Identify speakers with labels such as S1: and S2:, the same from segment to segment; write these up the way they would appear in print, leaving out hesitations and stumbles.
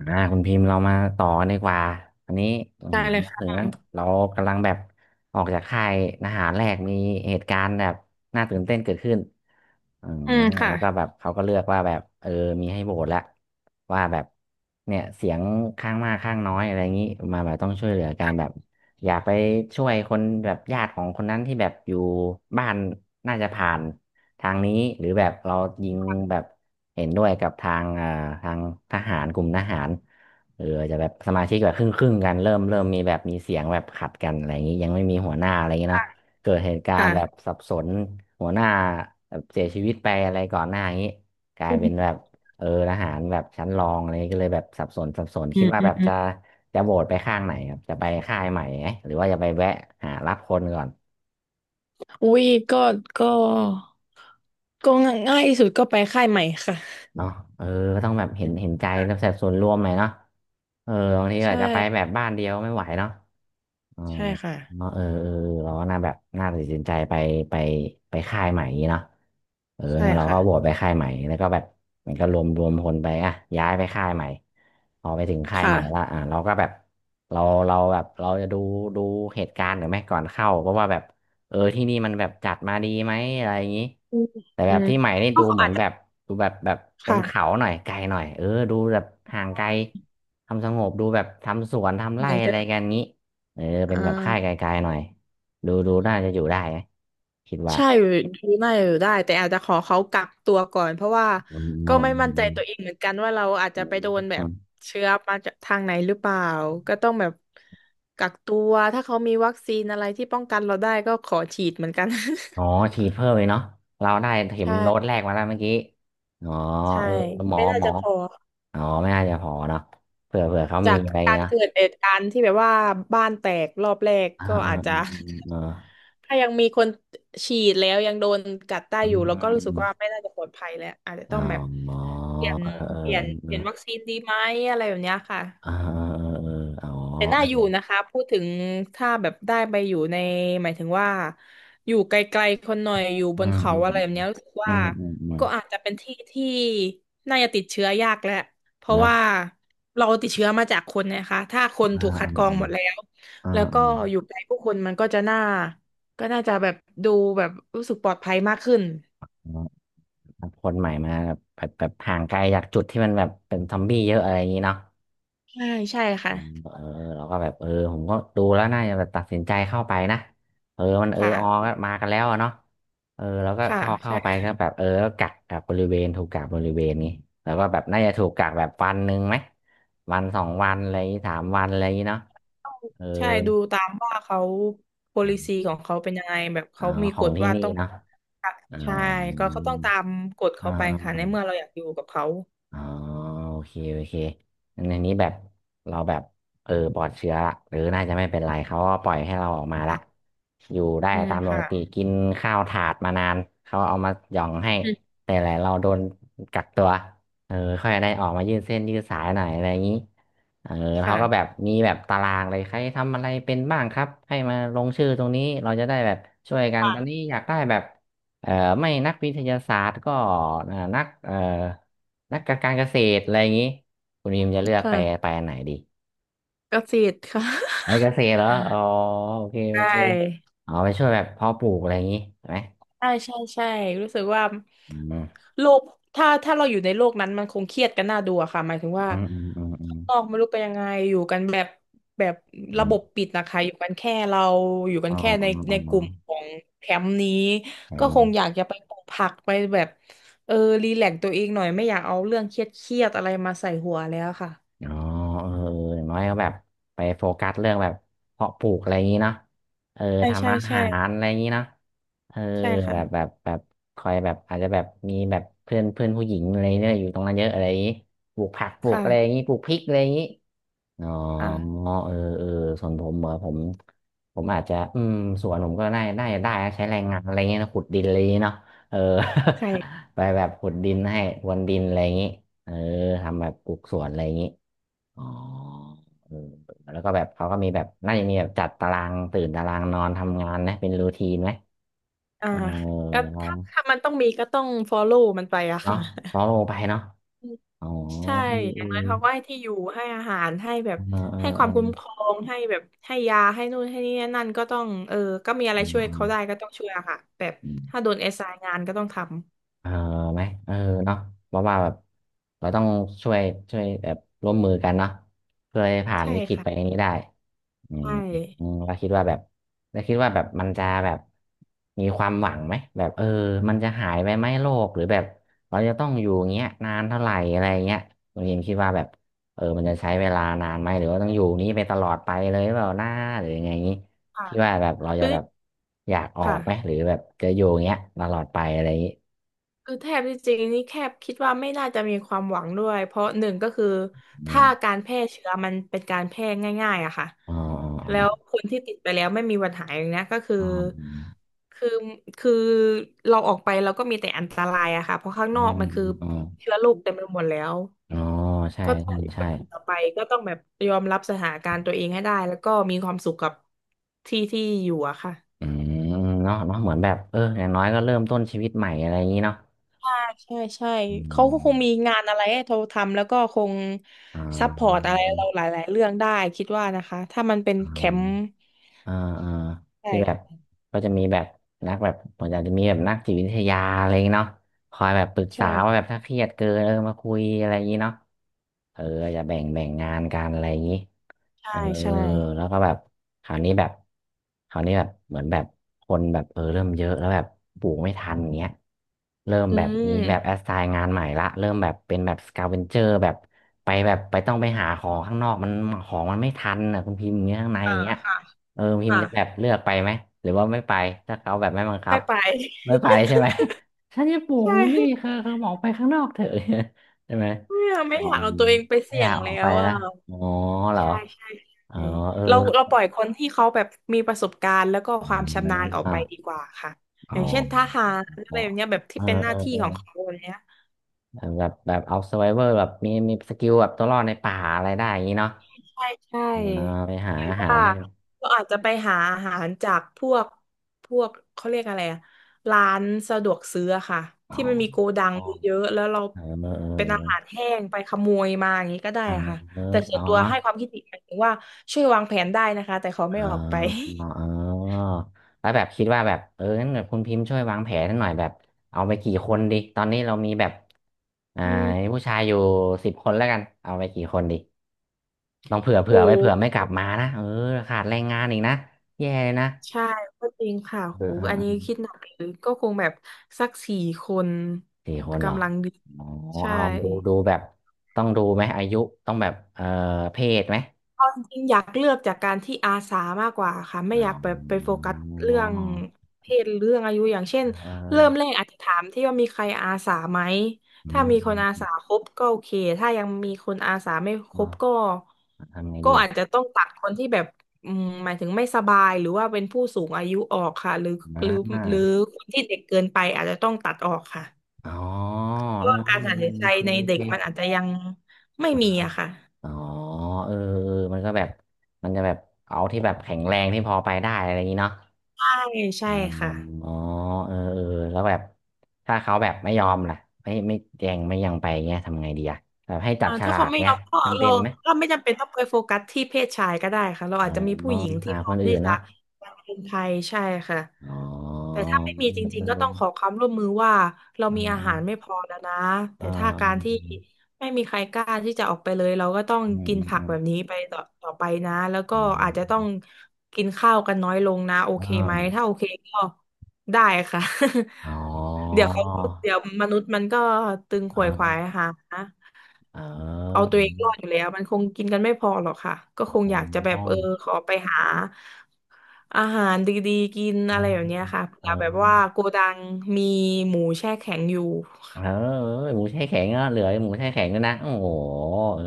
S1: อ่าคุณพิมพ์เรามาต่อกันดีกว่าอันนี้อื
S2: ได้
S1: ม
S2: เลย
S1: ถึง
S2: ค่ะ
S1: เรากำลังแบบออกจากค่ายทหารแรกมีเหตุการณ์แบบน่าตื่นเต้นเกิดขึ้นอืม
S2: อืมค่ะ
S1: แล้วก็แบบเขาก็เลือกว่าแบบมีให้โหวตแล้ว ว่าแบบเนี่ยเสียงข้างมากข้างน้อยอะไรอย่างนี้มาแบบต้องช่วยเหลือกันแบบอยากไปช่วยคนแบบญาติของคนนั้นที่แบบอยู่บ้านน่าจะผ่านทางนี้หรือแบบเรายิงแบบเห็นด้วยกับทางทางทหารกลุ่มทหารเออจะแบบสมาชิกแบบครึ่งครึ่งกันเริ่มมีแบบมีเสียงแบบขัดกันอะไรอย่างนี้ยังไม่มีหัวหน้าอะไรอย่างนี้เนาะเกิดเหตุการณ์แบบ
S2: ค่ะ
S1: สับสนหัวหน้าแบบเสียชีวิตไปอะไรก่อนหน้าอย่างนี้กลาย
S2: อื
S1: เป็นแบ
S2: ม
S1: บ เออทหารแบบชั้นรองอะไรก็เลยแบบสับสนสับสน
S2: อื
S1: คิด
S2: ม
S1: ว่า
S2: อื
S1: แบ
S2: ม
S1: บ
S2: อ
S1: จะ
S2: ม
S1: จะโหวตไปข้างไหนครับจะไปค่ายใหม่ไหมหรือว่าจะไปแวะหารับคนก่อน
S2: อุ้ย ก็ ก็ง่ายที่สุดก็ไปค่ายใหม่ค่ะ
S1: เนาะเออก็ต้องแบบเห็นใจแล้วแบบส่วนรวมหน่อยเนาะเออบางที
S2: ใช่
S1: อาจจะไปแบบบ้านเดียวไม่ไหวเนาะอ๋อ
S2: ใช่ค่ะ
S1: เนาะเออเออเราก็น่าแบบน่าตัดสินใจไปไปค่ายใหม่อย่างงี้เนาะเออ
S2: ใช่
S1: งั้นเรา
S2: ค่ะ
S1: ก็โหวตไปค่ายใหม่แล้วก็แบบมันก็รวมคนไปอ่ะย้ายไปค่ายใหม่พอไปถึงค่ายใหม่ละ
S2: ค่ะ
S1: อ่ะเราก็แบบเราเราแบบเราจะดูเหตุการณ์หรือไม่ก่อนเข้าเพราะว่าแบบ เออที่นี่มันแบบจัดมาดีไหมอะไรอย่างนี้
S2: อืม
S1: แต่แบ
S2: อื
S1: บ
S2: ม
S1: ที่ใหม่นี่
S2: ก็
S1: ดูเหมื
S2: อา
S1: อ
S2: จ
S1: น
S2: จะ
S1: แบบดูแบบแบบบนเขา
S2: ค่ะ
S1: หน่อยไกลหน่อยเออดูแบบห่างไกลทำสงบดูแบบทำสวนทำ
S2: เห
S1: ไร่
S2: มือน
S1: อะ
S2: กั
S1: ไรกั
S2: น
S1: นงี้เออเป็
S2: อ่
S1: นแบบค่าย
S2: า
S1: ไกลๆหน่อยดูดูน่าจะอยู่ได้นะคิดว่า
S2: ใช่ดูได้อยู่ได้แต่อาจจะขอเขากักตัวก่อนเพราะว่า
S1: อือ๋
S2: ก็
S1: อ
S2: ไม่มั่นใจ
S1: ม
S2: ตัวเองเหมือนกันว่าเราอาจ
S1: อื
S2: จะ
S1: ม
S2: ไปโดนแบ
S1: อื
S2: บ
S1: ม
S2: เชื้อมาจากทางไหนหรือเปล่าก็ต้องแบบกักตัวถ้าเขามีวัคซีนอะไรที่ป้องกันเราได้ก็ขอฉีดเหมือนกัน
S1: อ๋อฉีดเพิ่มเลยเนาะเราได้ เข็ม
S2: ใช่
S1: โดสแรกมาแล้วเมื่อกี้อ๋อ
S2: ใช่
S1: เออหมอ
S2: ไม่น่า
S1: หมอ
S2: จะพอ
S1: อ๋อไม่น่าจะพอเนาะเผื่อเขา
S2: จา
S1: มี
S2: ก
S1: อะไร
S2: การ
S1: เนาะ
S2: เกิดเหตุการณ์ที่แบบว่าบ้านแตกรอบแรก
S1: อ่า
S2: ก็
S1: อ่า
S2: อาจจะ
S1: อืมอืมเออ
S2: ถ้ายังมีคนฉีดแล้วยังโดนกัดได้
S1: อื
S2: อยู่
S1: ม
S2: แล้ว
S1: อื
S2: ก็
S1: ม
S2: รู้
S1: อื
S2: สึกว่า
S1: ม
S2: ไม่น่าจะปลอดภัยแล้วอาจจะ
S1: อ๋
S2: ต้องแบบ
S1: อ
S2: เปลี่ยน
S1: เออ
S2: เปลี่ยนวัคซีนดีไหมอะไรแบบเนี้ยค่ะ
S1: เออเออเออเออเออเอออ๋
S2: แต่น่าอ
S1: อ
S2: ยู่นะคะพูดถึงถ้าแบบได้ไปอยู่ในหมายถึงว่าอยู่ไกลๆคนหน่อยอยู่บ
S1: อื
S2: น
S1: ม
S2: เขา
S1: อืม
S2: อะไรแบบเนี้ยรู้สึก
S1: อื
S2: ว่า
S1: มอืมอืม
S2: ก็อาจจะเป็นที่ที่น่าจะติดเชื้อยากแหละเพราะ
S1: นะ
S2: ว่าเราติดเชื้อมาจากคนนะคะถ้าคน
S1: อ่า
S2: ถูกคั
S1: อื
S2: ดกรองห
S1: ม
S2: มดแล้ว
S1: อื
S2: แล้
S1: ม
S2: ว
S1: อื
S2: ก็
S1: ม
S2: อยู่ใกล้ผู้คนมันก็จะน่าก็น่าจะแบบดูแบบรู้สึกปลอดภัยมากขึ้น
S1: อืมคนใหม่มาแบบแบบห่างไกลจากจุดที่มันแบบเป็นซอมบี้เยอะอะไรอย่างนี้เนาะ
S2: ใช่ใช่
S1: อื
S2: ค่ะ
S1: มเออเราก็แบบเออผมก็ดูแล้วน่าจะแบบตัดสินใจเข้าไปนะเออมันเออออ
S2: ค่ะ
S1: ก็มากันแล้วอะเนาะเออเราก็
S2: ค่ะ
S1: เข้า
S2: ใช่
S1: ไปก็แบบเออก็กักบริเวณถูกกักบริเวณนี้แล้วก็แบบน่าจะถูกกักแบบวันหนึ่งไหมวันสองวันอะไรอย่างงี้สามวันอะไรอย่างงี้เนาะเออ
S2: ใช่ดูตามว่าเขา
S1: ครับ
S2: policy ของเขาเป็นยังไงแบบ
S1: อ๋อ
S2: เขามี
S1: ขอ
S2: ก
S1: ง
S2: ฎ
S1: ที่
S2: ว่า
S1: นี่
S2: ต้อง
S1: เนาะอ๋อ
S2: ใช่ต้องตามกฎเขาไปค่ะในเมื่อเราอยากอยู่กับเขา
S1: อ๋อโอเคโอเคงั้นในนี้แบบเราแบบเออปลอดเชื้อละหรือน่าจะไม่เป็นไรเขาก็ปล่อยให้เราออกมาละ
S2: ค่ะ
S1: อยู่ได้
S2: อืม
S1: ตามปก
S2: ค่ะ
S1: ติกินข้าวถาดมานานเขาเอามาหย่องให้
S2: อืม
S1: แต่แหละเราโดนกักตัวเออค่อยได้ออกมายืดเส้นยืดสายหน่อยอะไรอย่างนี้เออเขา
S2: ค่ะ
S1: ก็แบบมีแบบตารางเลยใครทำอะไรเป็นบ้างครับให้มาลงชื่อตรงนี้เราจะได้แบบช่วยกันตอนนี้
S2: ค่ะ
S1: อยากได้แบบเอ่อไม่นักวิทยาศาสตร์ก็นักนักการเกษตรอะไรอย่างนี้คุณยิมจะเลือกไป
S2: ค่ะ
S1: ไปอันไหนดี
S2: กราฟิกค่ะ
S1: ไปเกษตรเหรออ๋อโอเค
S2: ใช
S1: โอเค
S2: ่
S1: อ๋อไปช่วยแบบเพาะปลูกอะไรอย่างนี้ใช่ไหม
S2: ใช่ใช่ใช่รู้สึกว่า
S1: อืม
S2: โลกถ้าเราอยู่ในโลกนั้นมันคงเครียดกันน่าดูอะค่ะหมายถึงว่า
S1: อืมอืมอืม
S2: นอกไม่รู้เป็นยังไงอยู่กันแบบแบบ
S1: อืม
S2: ระ
S1: อ
S2: บบ
S1: ม
S2: ปิดนะคะอยู่กันแค่เราอยู่กั
S1: อ๋
S2: น
S1: อ
S2: แค่
S1: อ๋อ
S2: ใน
S1: อ๋
S2: ในก
S1: อ
S2: ลุ่มของแคมป์นี้
S1: แถ
S2: ก็
S1: ม
S2: คงอยากจะไปปลูกผักไปแบบเออรีแลกซ์ตัวเองหน่อยไม่อยากเอาเรื่องเครียดเครียดอะไรมาใส่หัวแล้วค่ะ
S1: อ๋อเอออย่างน้อยก็แบบไปโฟกัสเรื่องแบบเพาะปลูกอะไรอย่างนี้เนาะเออ
S2: ใช่ใช่
S1: ทำอา
S2: ใช่
S1: หารอะไรอย่างนี้เนาะเออ
S2: ใช่ค่ะ
S1: แบบแบบแบบคอยแบบอาจจะแบบมีแบบเพื่อนเพื่อนผู้หญิงอะไรเนี่ยอยู่ตรงนั้นเยอะอะไรอย่างนี้ปลูกผักปลูก
S2: ค่ะ
S1: อะไรอย่างนี้ปลูกพริกอะไรอย่างนี้ อ๋อ
S2: ค่ะ
S1: เออเออส่วนผมเหรอผมผมอาจจะอืมสวนผมก็ได้นะใช้แรงงานอะไรเงี้ยนะขุดดินอะไรเงี้ยเนาะเออ
S2: ใช่
S1: ไปแบบขุดดินให้พรวนดินอะไรอย่างงี้เออทำแบบปลูกสวนอะไรอย่างงี้อ๋อเออแล้วก็แบบเขาก็มีแบบน่าจะมีแบบจัดตารางตื่นตารางนอนทำงานนะเป็นรูทีนไหม
S2: อ่า
S1: เออ
S2: ก็ถ้ามันต้องมีก็ต้อง follow มันไปอะ
S1: เนาะ
S2: ค่ะ
S1: พอโลไปเนาะอ๋อ
S2: ใช่
S1: เออ
S2: อ
S1: เออ
S2: ย่างน้อยเขาก็ให้ที่อยู่ ให้อาหาร ให้แบบ
S1: เออเออ
S2: ให้ควา
S1: เอ
S2: มคุ้มครองให้แบบให้ยาให้นู่นให้นี่นั่นก็ต้องก็มีอะไรช่วยเขาได้
S1: อ
S2: ก็ต้องช่วยอะค่ะแบบ
S1: เออ
S2: ถ้าโดนแอสไซน์งานก็ต้องทำ
S1: เออไหมเออเนาะเพราะว่าแบบเราต้องช่วยช่วยแบบร่วมมือกันเนาะเพื่อให้ผ่าน
S2: ใช่
S1: วิกฤต
S2: ค่ะ
S1: ไปนี้ได้อืม
S2: ใช่
S1: อืมเราคิดว่าแบบเราคิดว่าแบบมันจะแบบมีความหวังไหมแบบมันจะหายไปไหมโรคหรือแบบเราจะต้องอยู่อย่างเงี้ยนานเท่าไหร่อะไรเงี้ยคุณยิมคิดว่าแบบมันจะใช้เวลานานไหมหรือว่าต้องอยู่นี้ไปตลอดไปเลยเปล่าหน้าหรือยังไงงี้
S2: ค่ะ
S1: คิดว่าแบบเราจะ
S2: คือ
S1: แบบอยากออ
S2: ค่ะ
S1: กไหมหรือแบบจะอยู่อย่างเงี้ยตลอดไปอะไรอย่างงี้
S2: คือแทบที่จริงนี่แคบคิดว่าไม่น่าจะมีความหวังด้วยเพราะหนึ่งก็คือถ้าการแพร่เชื้อมันเป็นการแพร่ง่ายๆอะค่ะ
S1: อ๋อ
S2: แล้วคนที่ติดไปแล้วไม่มีวันหายอย่างเนี้ยก็คือ
S1: อ๋อ
S2: คือคือเราออกไปเราก็มีแต่อันตรายอะค่ะเพราะข้างน
S1: อ๋
S2: อ
S1: อ
S2: กมันคือ
S1: อ๋ออ๋อ
S2: เชื้อโรคเต็มไปหมดแล้ว
S1: อ๋อใช่
S2: ก็ต้อง
S1: ใช่
S2: อยู่แบ
S1: ใช่
S2: บนี้ต่อไปก็ต้องแบบยอมรับสถานการณ์ตัวเองให้ได้แล้วก็มีความสุขกับที่ที่อยู่อะค่ะ
S1: อืมเนาะเนาะเหมือนแบบ เอออย่างน้อยก็เริ่มต้นชีวิตใหม่อะไรอย่างนี้เนาะ
S2: ใช่ใช่
S1: อื
S2: เขาก็
S1: ม
S2: คงมีงานอะไรให้เราทำแล้วก็คง
S1: อ่
S2: ซัพพอร์ต
S1: า
S2: อะไรเราหลายๆเรื่องได้คิดว่านะคะถ้ามันเป็นแคมป์
S1: อ่าอ่าที่แบบ
S2: ใช่
S1: ก็จะมีแบบนักแบบผมอนาจจะมีแบบนักจิตวิทยาอะไรอย่างงี้เนาะคอยแบบปรึกษาว่าแบ
S2: ใช่
S1: บถ้าเครียดเกินมาคุยอะไรอย่างงี้เนาะเออจะแบ่งงานกันอะไรอย่างงี้
S2: ใช่
S1: เออ
S2: ใช่
S1: แล้วก็แบบคราวนี้แบบคราวนี้แบบเหมือนแบบคนแบบเริ่มเยอะแล้วแบบปลูกไม่ทันเงี้ยเริ่ม
S2: อื
S1: แบบมีแบบแอ
S2: ม
S1: สไซน์งานใหม่ละเริ่มแบบเป็นแบบสกาเวนเจอร์แบบไปแบบไปต้องไปหาของข้างนอกมันของมันไม่ทันอ่ะคุณพิมพ์อย่างเงี้ยข้างในอ
S2: อ่า
S1: ย่างเงี้ย
S2: ค่ะ
S1: เออพิมพ์
S2: ค่ะ
S1: จะแบบเลือกไปไหมหรือว่าไม่ไปถ้าเขาแบบไม่บังคั
S2: ไม่
S1: บ
S2: ไป
S1: ไม่ไปใช่ไหม ฉันจะปลู ก
S2: ใช่
S1: อยู่นี่คือบอกไปข้างนอกเถอะ ใช่ไหม
S2: ไม่
S1: อ๋อ
S2: อยากเอาตัวเองไป
S1: ไม่
S2: เสี่
S1: อ
S2: ย
S1: ยา
S2: ง
S1: กออ
S2: แล้
S1: กไป
S2: วอ่ะ
S1: นะอ๋อเหรอ
S2: ใช่ใช่
S1: อ๋อ
S2: ใช่
S1: เออ
S2: เราปล่อยคนที่เขาแบบมีประสบการณ์แล้วก็ค
S1: อ
S2: วามชำนาญออกไป
S1: ม
S2: ดีกว่าค่ะอ
S1: อ๋
S2: ย่างเช่นทหารอะ
S1: อ
S2: ไรแบบเนี้ยแบบ
S1: เอ
S2: ที่
S1: อ
S2: เป็นห
S1: เอ
S2: น้าที่
S1: อ
S2: ของเขาแบบเนี้ย
S1: เออแบบแบบเอาซ u r v i เวอร์แบบมีสกิลแบบตัวรอดในป่าอะไรได้อย่างนี้เนาะ
S2: ใช่ใช่
S1: อ่าไปหา
S2: หรือ
S1: อาหาร
S2: ว่า
S1: ให้
S2: ก็อาจจะไปหาอาหารจากพวกพวกเขาเรียกอะไรอะร้านสะดวกซื้ออะค่ะ
S1: อ๋อ
S2: ที่มันมีโกดัง
S1: อ๋อ
S2: เยอะๆแล้วเรา
S1: เออเออ
S2: เป็นอาหารแห้งไปขโมยมาอย่างนี้ก็ได้
S1: เออ
S2: ค่ะ
S1: เออ
S2: แต่
S1: เอ
S2: ส่
S1: อ
S2: วนตัว
S1: เนาะ
S2: ให้ความคิดเห็นหมายถึงว่าช่วยวางแผนได้นะคะแต่ขอไม่
S1: อ๋
S2: อ
S1: อ
S2: อกไป
S1: เออแล้วแบบคิดว่าแบบงั้นแบบคุณพิมพ์ช่วยวางแผนให้หน่อยแบบเอาไปกี่คนดีตอนนี้เรามีแบบอ่า
S2: อื
S1: มี
S2: ม
S1: ผู้ชายอยู่10 คนแล้วกันเอาไปกี่คนดีต้องเผื่อ
S2: โห
S1: เผื่อไว้เผื่อไม่กลับมานะเออขาดแรงงานอีกนะแย่เลยนะ
S2: ใช่ก็จริงค่ะ
S1: เอ
S2: โห
S1: อเออ
S2: อัน
S1: เอ
S2: นี้
S1: อ
S2: คิดหนักเลยก็คงแบบสักสี่คน
S1: 4 คนเหรอ
S2: กำลังดี
S1: อ๋อ
S2: ใช่
S1: เอาดูแบบต้องดูไหมอายุต้องแบบเออเพศไหม
S2: เอาจริงๆอยากเลือกจากการที่อาสามากกว่าค่ะไม่
S1: อ๋อ
S2: อยากแบบไปโฟกัสเรื่องเพศหรือเรื่องอายุอย่างเช่น
S1: เออ
S2: เริ่มแรกอาจจะถามที่ว่ามีใครอาสาไหม
S1: อื
S2: ถ้า
S1: ม
S2: มีค
S1: อื
S2: น
S1: ม
S2: อา
S1: อืม
S2: สาครบก็โอเคถ้ายังมีคนอาสาไม่ค
S1: เอ
S2: ร
S1: อ
S2: บก็
S1: ทำไง
S2: ก็
S1: ดีอ่ะ
S2: อาจจะต้องตัดคนที่แบบอืมหมายถึงไม่สบายหรือว่าเป็นผู้สูงอายุออกค่ะ
S1: อ่
S2: หรือหรือ
S1: า
S2: คนที่เด็กเกินไปอาจจะต้องตัดออกค่ะ
S1: อ๋อ
S2: เพ
S1: เอ
S2: ราะ
S1: อ
S2: ว่าการตัดสินใจ
S1: โอเค
S2: ใน
S1: โอ
S2: เด็กมัน
S1: เค
S2: อาจจะยังไม่มีอะค่ะ
S1: อ๋อเออเออมันก็แบบมันจะแบบเอาที่แบบแข็งแรงที่พอไปได้อะไรอย่างนี้เนาะ
S2: ใช่ใช่
S1: อ๋อ
S2: ค่ะ
S1: เออเออแล้วแบบถ้าเขาแบบไม่ยอมล่ะไม่แจงไม่ยังไปเงี้ยทำไงดีอะแบบให้จั
S2: อ่า
S1: บฉ
S2: ถ้า
S1: ลา
S2: เขา
S1: ก
S2: ไม่ย
S1: เงี้
S2: อ
S1: ย
S2: มก็
S1: จำเป็
S2: เรา
S1: นไหม
S2: ก็ไม่จำเป็นต้องไปโฟกัสที่เพศชายก็ได้ค่ะเรา
S1: อ๋
S2: อาจจะมีผู้
S1: อ
S2: หญิงที่
S1: หา
S2: พ
S1: ค
S2: ร้อ
S1: น
S2: ม
S1: อื่
S2: ที่
S1: น
S2: จะ
S1: เนาะ
S2: เป็นไทยใช่ค่ะ
S1: อ๋
S2: แต่
S1: อ
S2: ถ้าไม่มีจริงๆก็ต้องขอความร่วมมือว่าเรา
S1: เ
S2: มีอาหารไม่
S1: ออ
S2: พอแล้วนะ
S1: เออเอ
S2: แต่
S1: อ
S2: ถ้าการที่
S1: เออ
S2: ไม่มีใครกล้าที่จะออกไปเลยเราก็ต้อง
S1: อืม
S2: กินผั
S1: อื
S2: ก
S1: ม
S2: แบบนี้ไปต่อต่อไปนะแล้วก็
S1: อื
S2: อาจจะต้อง
S1: ม
S2: กินข้าวกันน้อยลงนะโอ
S1: อื
S2: เคไหม
S1: ม
S2: ถ้าโอเคก็ได้ค่ะ
S1: อ๋ อ
S2: เดี๋ยวเขาเดี๋ยวมนุษย์มันก็ตึงข
S1: อ๋
S2: วนขวาย
S1: อ
S2: หา
S1: เ
S2: เอา
S1: ออ
S2: ตัวเองรอดอยู่แล้วมันคงกินกันไม่พอหรอกค่ะก็
S1: อ๋
S2: คงอยากจะแบ
S1: อ๋อ
S2: บขอไปหาอาหารดีๆกิน
S1: อ่า
S2: อะไรแบบเนี้ยค่ะ
S1: เอ
S2: เผื่
S1: อ
S2: อแบบว่าโกดังมีหมูแช่แข็งอยู่
S1: เออหมูแช่แข็งอ่ะเหลือหมูแช่แข็งด้วยนะโอ้โหเออ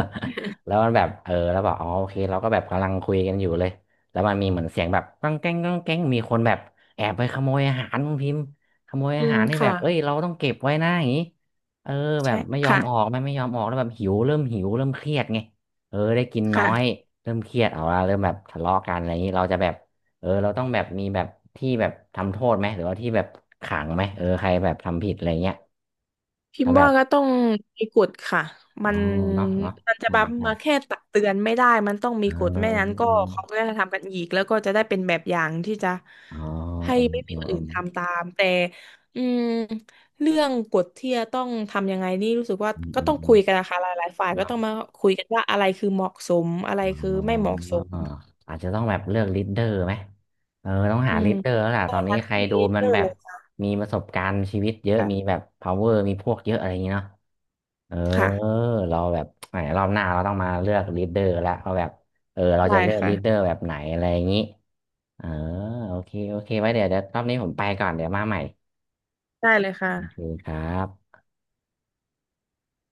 S1: แล้วมันแบบแล้วบอกอ๋อโอเคเราก็แบบกำลังคุยกันอยู่เลยแล้วมันมีเหมือนเสียงแบบก้องแก้งก้องแก้งมีคนแบบแอบไปขโมยอาหารคุณพิมพ์ขโมย
S2: อื
S1: อา
S2: ม
S1: หารให้แบ
S2: ค่ะ
S1: บเอ้ยเราต้องเก็บไว้นะอย่างนี้เออแบ
S2: ใช่
S1: บไม่ยอม
S2: ค่ะ
S1: ออกไม่ยอมออกแล้วแบบหิวเริ่มหิวเริ่มเครียดไงเออได้กินน้อย
S2: ค่ะ
S1: เริ่มเครียดเอาละเริ่มแบบทะเลาะกันอะไรอย่างนี้เราจะแบบ เออเราต้องแบบมีแบบที่แบบทำโทษไหมหรือว่าที่แบบขังไหมเออใครแบบทำผิดอะไรเงี้ย
S2: พิม
S1: ถ้า
S2: พ์
S1: แบ
S2: ว่า
S1: บ
S2: ก็ต้องมีกฎค่ะมั
S1: อ๋อ
S2: น
S1: เนาะเนาะ
S2: มันจะ
S1: อื
S2: แบ
S1: ม
S2: บ
S1: ใช่
S2: มาแค่ตักเตือนไม่ได้มันต้องมี
S1: เออ
S2: กฎ
S1: เอ
S2: ไม่
S1: อ
S2: งั้นก็
S1: เอ
S2: เขาก็
S1: อ
S2: จะทำกันอีกแล้วก็จะได้เป็นแบบอย่างที่จะ
S1: เออ
S2: ให้
S1: เออ
S2: ไม่
S1: เอ
S2: มี
S1: อ
S2: คน
S1: เออ
S2: อื่น
S1: เออ
S2: ทำตามแต่อืมเรื่องกฎที่จะต้องทำยังไงนี่รู้สึกว่า
S1: เออเอ
S2: ก็ต้องคุ
S1: อ
S2: ยกันนะคะหลายหลายฝ่ายก็
S1: เนาะ
S2: ต้องมาคุยกันว่าอะไรคือเหมาะสมอะไรคือ
S1: อ๋
S2: ไม่เห
S1: อ
S2: มาะสม
S1: อาจจะต้องแบบเลือกลีดเดอร์ไหมเออต้องหา
S2: อื
S1: ลี
S2: ม
S1: ดเดอร์แล้วล่ะ
S2: ใช่
S1: ตอนนี้
S2: ค่ะ
S1: ใคร
S2: มี
S1: ดูมั
S2: เจ
S1: น
S2: อ
S1: แบ
S2: เล
S1: บ
S2: ยค่
S1: มีประสบการณ์ชีวิตเยอะ
S2: ะ
S1: มีแบบ power มีพวกเยอะอะไรอย่างเงี้เนาะเออ
S2: ค่ะ
S1: เราแบบแหมรอบหน้าเราต้องมาเลือกลีดเดอร์ละเราแบบ เออ เรา
S2: ได้
S1: จะเลือก
S2: ค่ะ
S1: ลีดเดอร์แบบไหนอะไรอย่างงี้เออโอเคโอเค ไว้เดี๋ยวรอบนี้ผมไปก่อนเดี๋ยวมาใหม่
S2: ได้เลยค่ะ
S1: โอเคครับ